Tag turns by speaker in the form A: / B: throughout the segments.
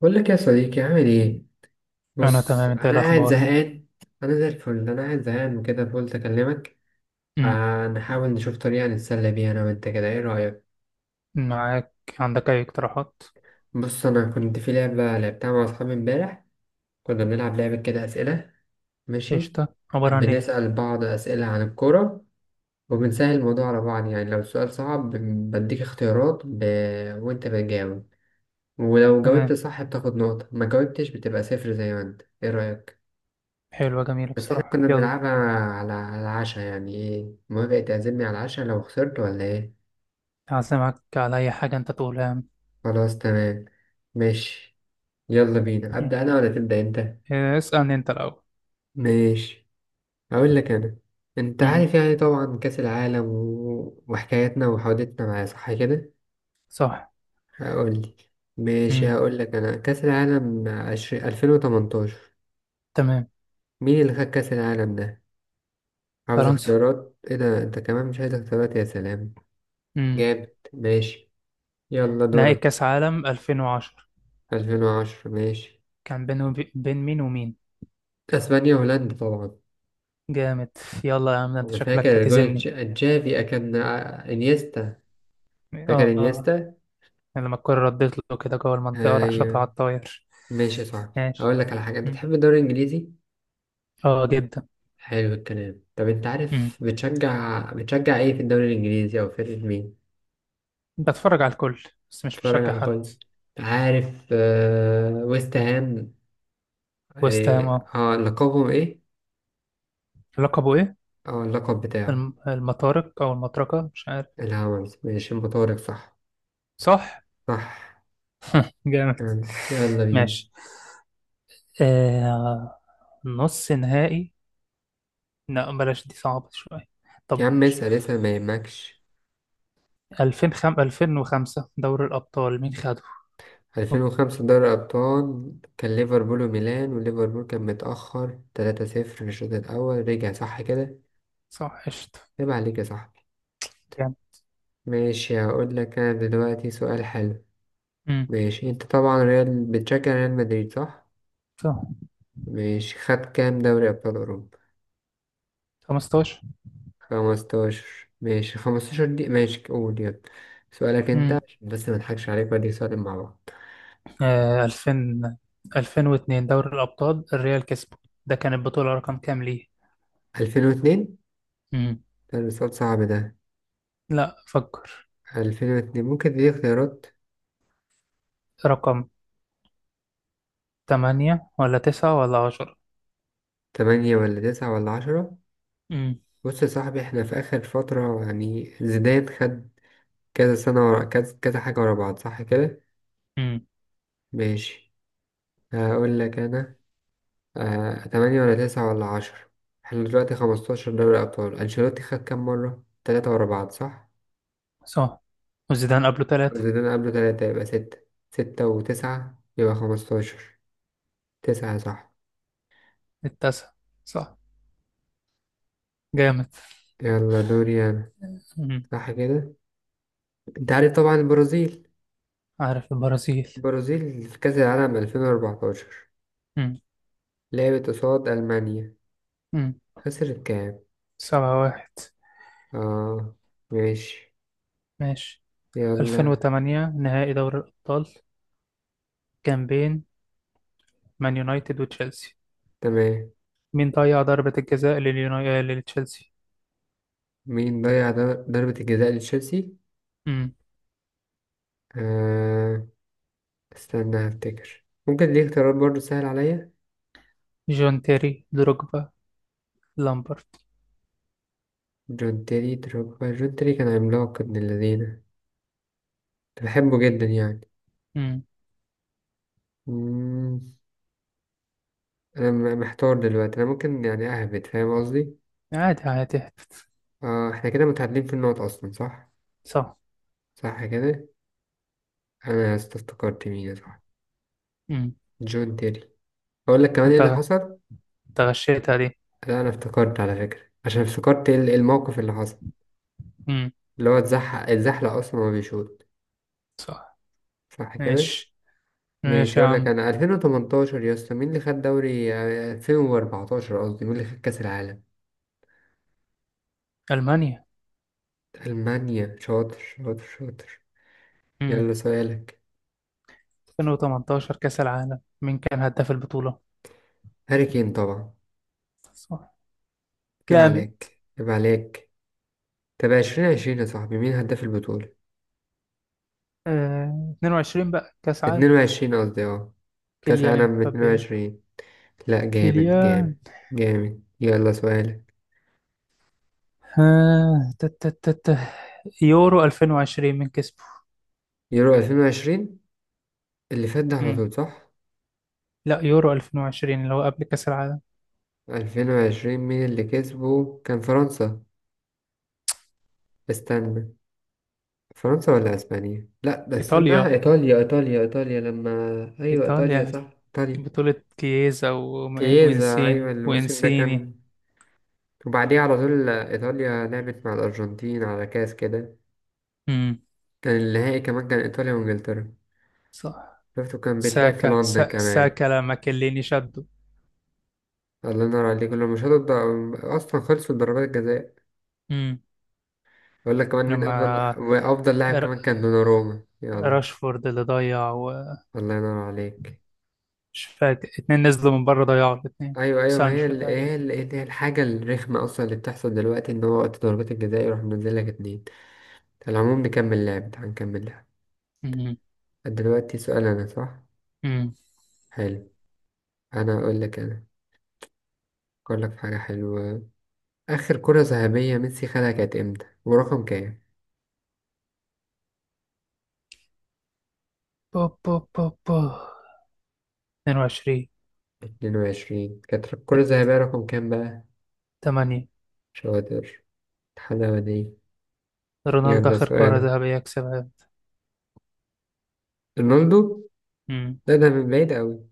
A: بقول لك يا صديقي، عامل ايه؟
B: أنا
A: بص،
B: تمام، أنت
A: انا
B: إيه
A: قاعد
B: الأخبار؟
A: زهقان. انا زي الفل. انا قاعد زهقان وكده فقلت اكلمك.
B: مم.
A: آه، نحاول نشوف طريقه نتسلى بيها انا وانت كده، ايه رايك؟
B: معاك. عندك أي اقتراحات؟
A: بص، انا كنت في لعبه لعبتها مع اصحابي امبارح. كنا بنلعب لعبه كده، اسئله. ماشي.
B: قشطة، عبارة عن إيه؟
A: بنسال بعض اسئله عن الكوره، وبنسهل الموضوع على بعض، يعني لو السؤال صعب بديك اختيارات وانت بتجاوب. ولو جاوبت
B: تمام،
A: صح بتاخد نقطه، ما جاوبتش بتبقى صفر. زي ما انت، ايه رايك؟
B: حلوة جميلة
A: بس احنا
B: بصراحة.
A: كنا
B: يلا.
A: بنلعبها على العشاء. يعني ايه، موافق تعزمني على العشاء لو خسرت ولا ايه؟
B: هعزمك على أي حاجة أنت تقولها يا عم.
A: خلاص تمام. ماشي. يلا بينا،
B: مم.
A: ابدا انا ولا تبدا انت؟
B: إيه، اسألني أنت الأول.
A: ماشي، اقول لك انا. انت
B: مم.
A: عارف يعني، طبعا كاس العالم وحكاياتنا وحوادثنا معاه، صح كده؟
B: صح.
A: اقول لي. ماشي،
B: مم.
A: هقول لك انا. كاس العالم 2018.
B: تمام.
A: مين اللي خد كاس العالم ده؟ عاوز
B: فرنسا.
A: اختيارات؟ ايه ده انت كمان مش عايز اختيارات، يا سلام.
B: مم.
A: جامد، ماشي. يلا
B: نهائي
A: دورك.
B: كأس عالم 2010
A: 2010، ماشي.
B: كان بين مين ومين؟
A: اسبانيا وهولندا طبعا.
B: جامد. يلا يا عم، ده أنت
A: انا
B: شكلك
A: فاكر جول
B: هتزمني.
A: تشافي كان، انيستا. فاكر
B: آه آه.
A: انيستا.
B: لما الكرة ردت له كده جوه المنطقة راح شاطها
A: ايوه
B: على الطاير.
A: ماشي صح.
B: ماشي.
A: هقول لك على حاجه، انت
B: مم.
A: تحب الدوري الانجليزي؟
B: آه جدا.
A: حلو الكلام. طب انت عارف، بتشجع ايه في الدوري الانجليزي، او فرقه مين؟
B: بتفرج على الكل بس مش
A: اتفرج
B: مشجع
A: على
B: حد.
A: كل. عارف، ويست هام.
B: ويست هام،
A: إيه،
B: اه،
A: اه لقبهم ايه؟
B: لقبه ايه؟
A: اه اللقب بتاعه.
B: المطارق او المطرقه مش عارف.
A: الهاونز، ماشي مطارق، صح.
B: صح.
A: صح.
B: جامد
A: تمام. يلا بينا.
B: ماشي. آه... نص نهائي. لا بلاش، دي صعبة شوية.
A: يا
B: طب
A: عم،
B: ماشي.
A: اسأل اسأل ما يهمكش.
B: 2005 2005 دوري الأبطال مين خده؟
A: ألفين
B: أوك،
A: وخمسة دوري أبطال كان ليفربول وميلان، وليفربول كان متأخر 3-0 في الشوط الأول رجع، صح كده؟
B: صح، قشطة.
A: عيب عليك يا صاحبي.
B: جامد.
A: ماشي، هقول لك أنا دلوقتي سؤال حلو.
B: امم.
A: ماشي، أنت طبعا ريال، بتشجع ريال مدريد صح؟
B: صح.
A: ماشي، خد كام دوري أبطال أوروبا؟
B: 15.
A: 15، ماشي. 15 دي ماشي، قول يلا. سؤالك أنت،
B: امم.
A: عشان بس مضحكش عليك بدي سؤالين مع بعض.
B: 2000 2002 دوري الأبطال الريال كسبه. ده كان البطولة رقم كام ليه؟
A: 2002.
B: امم.
A: ده سؤال صعب ده.
B: لا، فكر.
A: 2002، ممكن تدي اختيارات.
B: رقم 8 ولا 9 ولا 10؟
A: تمانية ولا تسعة ولا عشرة؟
B: امم.
A: بص يا صاحبي، احنا في آخر فترة يعني زيدان خد كذا سنة ورا كذا، كذا حاجة ورا بعض صح كده؟
B: امم.
A: ماشي. هقول لك أنا. تمانية ولا تسعة ولا عشرة. احنا دلوقتي 15 دوري أبطال، أنشيلوتي خد كام مرة؟ تلاتة ورا بعض صح؟
B: صح. وزيدان قبله تلاتة.
A: زيدان قبله تلاتة يبقى ستة. ستة وتسعة يبقى 15. تسعة، صح.
B: التاسع. صح. جامد.
A: يلا دوري أنا.
B: امم.
A: صح كده؟ أنت عارف طبعا البرازيل.
B: عارف البرازيل.
A: البرازيل في كأس العالم 2014
B: امم.
A: لعبت قصاد ألمانيا.
B: امم.
A: خسرت كام؟
B: 7-1.
A: اه. ماشي.
B: ماشي. ألفين
A: يلا.
B: وتمانية نهائي دوري الأبطال كان بين مان يونايتد وتشيلسي.
A: تمام.
B: مين ضيع ضربة الجزاء لتشيلسي؟
A: مين ضيع ضربة الجزاء لتشيلسي؟
B: امم.
A: آه. استنى هفتكر. ممكن دي اختيارات برضه سهل عليا.
B: جون تيري، دروجبا، لامبرت.
A: جون تيري دروجبا. جون تيري كان عملاق ابن الذين، كنت بحبه جدا يعني.
B: امم.
A: مم. محتار دلوقتي، انا ممكن يعني اهبد، فاهم قصدي؟
B: عادي عادي.
A: احنا كده متعادلين في النقط اصلا، صح.
B: صح.
A: صح كده. افتكرت مين، صح.
B: امم.
A: جون تيري. اقول لك كمان ايه
B: انت
A: اللي حصل.
B: انت غشيتها دي.
A: لا انا افتكرت على فكرة، عشان افتكرت الموقف اللي حصل.
B: امم.
A: اللي هو اتزحلق اصلا وهو بيشوط.
B: صح.
A: صح كده.
B: ماشي.
A: ماشي.
B: ماشي يا
A: اقول لك
B: عم.
A: انا. 2018 يا اسطى، مين اللي خد دوري آه، 2014 قصدي، مين اللي خد كاس العالم؟
B: ألمانيا.
A: المانيا، شاطر شاطر شاطر.
B: امم.
A: يلا سؤالك.
B: 2018 كأس العالم مين كان هداف البطولة؟
A: هاري كين طبعا.
B: صح.
A: عيب
B: جامد.
A: عليك، عيب عليك. طب 2020 يا صاحبي، مين هداف البطولة؟
B: 22 بقى كأس عالم.
A: 22 قصدي، اه. كاس
B: كيليان
A: عالم
B: امبابي.
A: 22. لا، جامد
B: كيليان.
A: جامد جامد. يلا سؤالك.
B: آه. تا- تا- تا- تا. يورو 2020 من كسبه؟
A: يورو 2020 اللي فات ده على
B: امم.
A: طول، صح؟
B: لا، يورو 2020 اللي هو قبل كأس العالم.
A: 2020 مين اللي كسبه، كان فرنسا. استنى. فرنسا ولا اسبانيا، لا ده استنى.
B: إيطاليا.
A: ايطاليا ايطاليا ايطاليا لما. ايوه ايطاليا،
B: إيطاليا.
A: صح ايطاليا.
B: بطولة كييزا
A: كييزا، ايوه الموسم ده
B: وإنسيني.
A: كان. وبعديه على طول، ايطاليا لعبت مع الارجنتين على كاس كده.
B: امم.
A: كان النهائي كمان كان ايطاليا وانجلترا.
B: صح.
A: شفته كان بيتلعب في
B: ساكا
A: لندن
B: سا...
A: كمان.
B: ساكا لما كليني شده.
A: الله ينور عليك، لما مش هتقدر اصلا خلصوا ضربات الجزاء. اقول لك كمان، مين افضل
B: لما
A: وافضل لاعب
B: ر-
A: كمان كان دوناروما، يلا.
B: راشفورد اللي ضيع ومش
A: الله ينور عليك.
B: فاكر. اتنين نزلوا من بره ضيعوا الاتنين.
A: ايوه ايوه، ما
B: سانشو تقريبا.
A: هي الحاجه الرخمه اصلا اللي بتحصل دلوقتي، ان هو وقت ضربات الجزاء يروح منزل لك اتنين. على العموم، نكمل لعب. تعال نكمل لعب.
B: مم.
A: دلوقتي سؤال انا، صح.
B: مم.
A: حلو. انا اقول لك انا. اقول لك في حاجه حلوه. اخر كره ذهبيه ميسي خدها كانت امتى ورقم كام؟
B: بو بو بو بو 22
A: 22. كانت الكره الذهبيه رقم كام بقى؟
B: 8
A: شاطر. الحلاوه دي.
B: رونالدو
A: يلا
B: آخر كرة
A: سؤال.
B: ذهبية يكسبها.
A: رونالدو.
B: امم.
A: ده من بعيد قوي.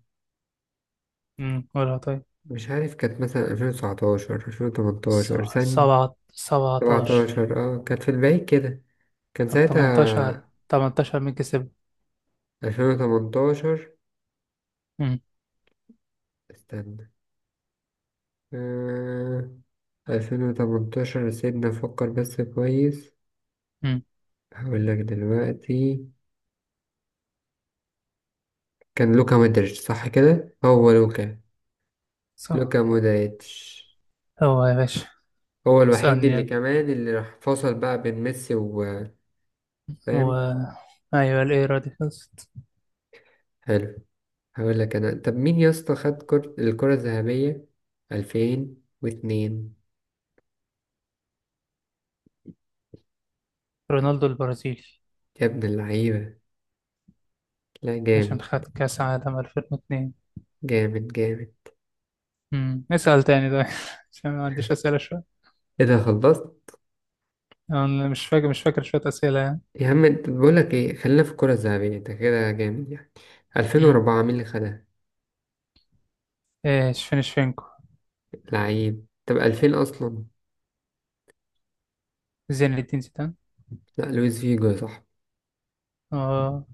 B: امم. قولها طيب.
A: مش عارف، كانت مثلا 2019 2018 سنة.
B: سبعة 17.
A: 17، اه كانت في البعيد كده. كان
B: طب 18.
A: ساعتها.
B: 18 مين كسب؟
A: 2018.
B: امم.
A: استنى. آه... ألفين وتمنتاشر، سيبنا نفكر بس كويس.
B: امم.
A: هقول لك دلوقتي. كان لوكا مودريتش، صح كده، هو لوكا.
B: صح.
A: لوكا مودريتش.
B: هو يا باشا.
A: هو الوحيد اللي
B: ثانية.
A: كمان اللي راح فصل بقى بين ميسي و...
B: و
A: فاهم.
B: أيوة الإيرا دي خلصت.
A: حلو. هقول لك انا، طب مين يا اسطى خد الكرة الذهبية 2002؟
B: رونالدو البرازيلي،
A: يا ابن اللعيبة. لا،
B: عشان
A: جامد
B: خد كأس عالم 2002.
A: جامد جامد.
B: امم. اسأل تاني ده عشان ما عنديش أسئلة شوية.
A: ايه ده، خلصت؟
B: أنا مش فاكر شوية أسئلة يعني.
A: يا عم انت بقول لك ايه، خلينا في الكرة الذهبية، انت كده جامد يعني.
B: امم.
A: 2004 مين اللي خدها؟
B: إيه، شفينشفينكو.
A: لعيب. طب 2000 اصلا.
B: زين الدين زيدان.
A: لا، لويس فيجو يا صاحبي.
B: اه.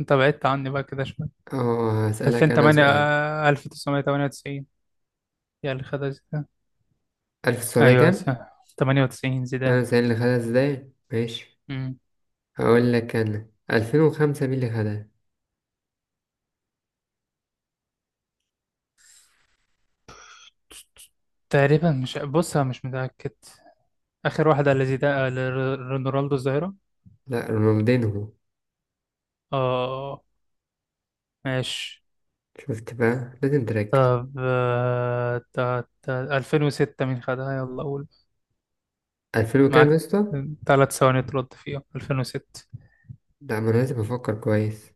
B: أنت بعدت عني بقى كده شوية.
A: اه، هسألك انا
B: 2008
A: سؤال.
B: 1998، يا اللي خدها زيدان.
A: 1900
B: أيوه
A: كام؟
B: صح، 98 زيدان.
A: 98 اللي خدها، ازاي ماشي.
B: امم.
A: هقول لك انا 2005 مين اللي خدها؟
B: تقريبا مش، بص أنا مش متأكد. آخر واحدة اللي زيدان اللي رونالدو الظاهرة.
A: لا، رونالدينهو.
B: اه. ماشي.
A: شفت بقى، لازم تركز.
B: طب 2006 مين خدها؟ يلا قول.
A: 2000 وكام يا
B: معاك.
A: اسطى؟
B: 3 ثواني ترد فيها 2006.
A: لا، ما انا لازم افكر كويس.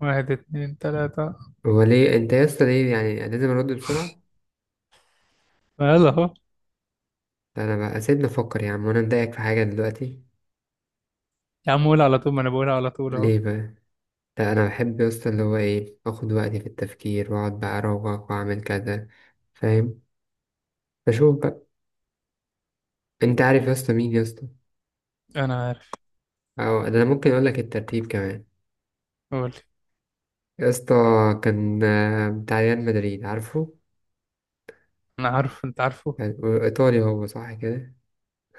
B: واحد اتنين تلاتة.
A: هو ليه انت يا اسطى، ليه يعني لازم ارد بسرعة؟
B: ما يلا اهو.
A: لا انا بقى سيبني افكر يا عم، وانا مضايقك في حاجة دلوقتي؟
B: يا عم قول على طول، ما انا بقولها على طول اهو.
A: ليه بقى؟ لا، أنا بحب بس اللي هو إيه، أخد وقتي في التفكير وأقعد بقى أروق، وأعمل كذا. فاهم؟ بشوف بقى. أنت عارف يا اسطى، مين يا اسطى؟
B: انا عارف.
A: أو ده أنا ممكن أقول لك الترتيب كمان.
B: قول.
A: يا اسطى. كان بتاع ريال مدريد، عارفه؟
B: انا عارف، انت عارفه.
A: كان إيطالي هو، صح كده؟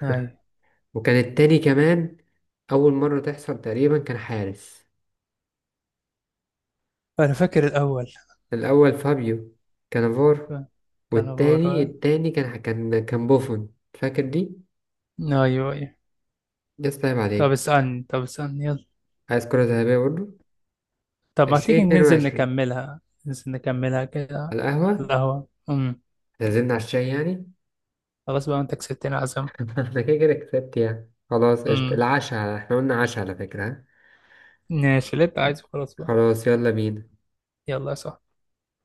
B: ايوه.
A: وكان التاني كمان. أول مرة تحصل تقريبا، كان حارس.
B: انا فاكر الاول.
A: الأول فابيو كانافارو.
B: كان كان
A: والتاني
B: عبارة.
A: كان بوفون، فاكر دي؟
B: ايوه ايوه.
A: يا اسطى عيب
B: طب
A: عليك.
B: اسألني يلا.
A: عايز كرة ذهبية برضه؟
B: طب ما تيجي
A: اتنين
B: ننزل
A: وعشرين.
B: نكملها؟ ننزل نكملها كده.
A: على
B: على
A: القهوة.
B: القهوة. امم.
A: نزلنا على الشاي يعني.
B: خلاص بقى، انت كسبتني عزم.
A: أنا كده كده كسبت يعني، خلاص قشطة.
B: امم.
A: العشاء احنا قلنا، عشاء على فكرة، ها؟
B: ماشي اللي انت عايزه، خلاص بقى.
A: خلاص، يلا بينا.
B: يلا يا صاحبي.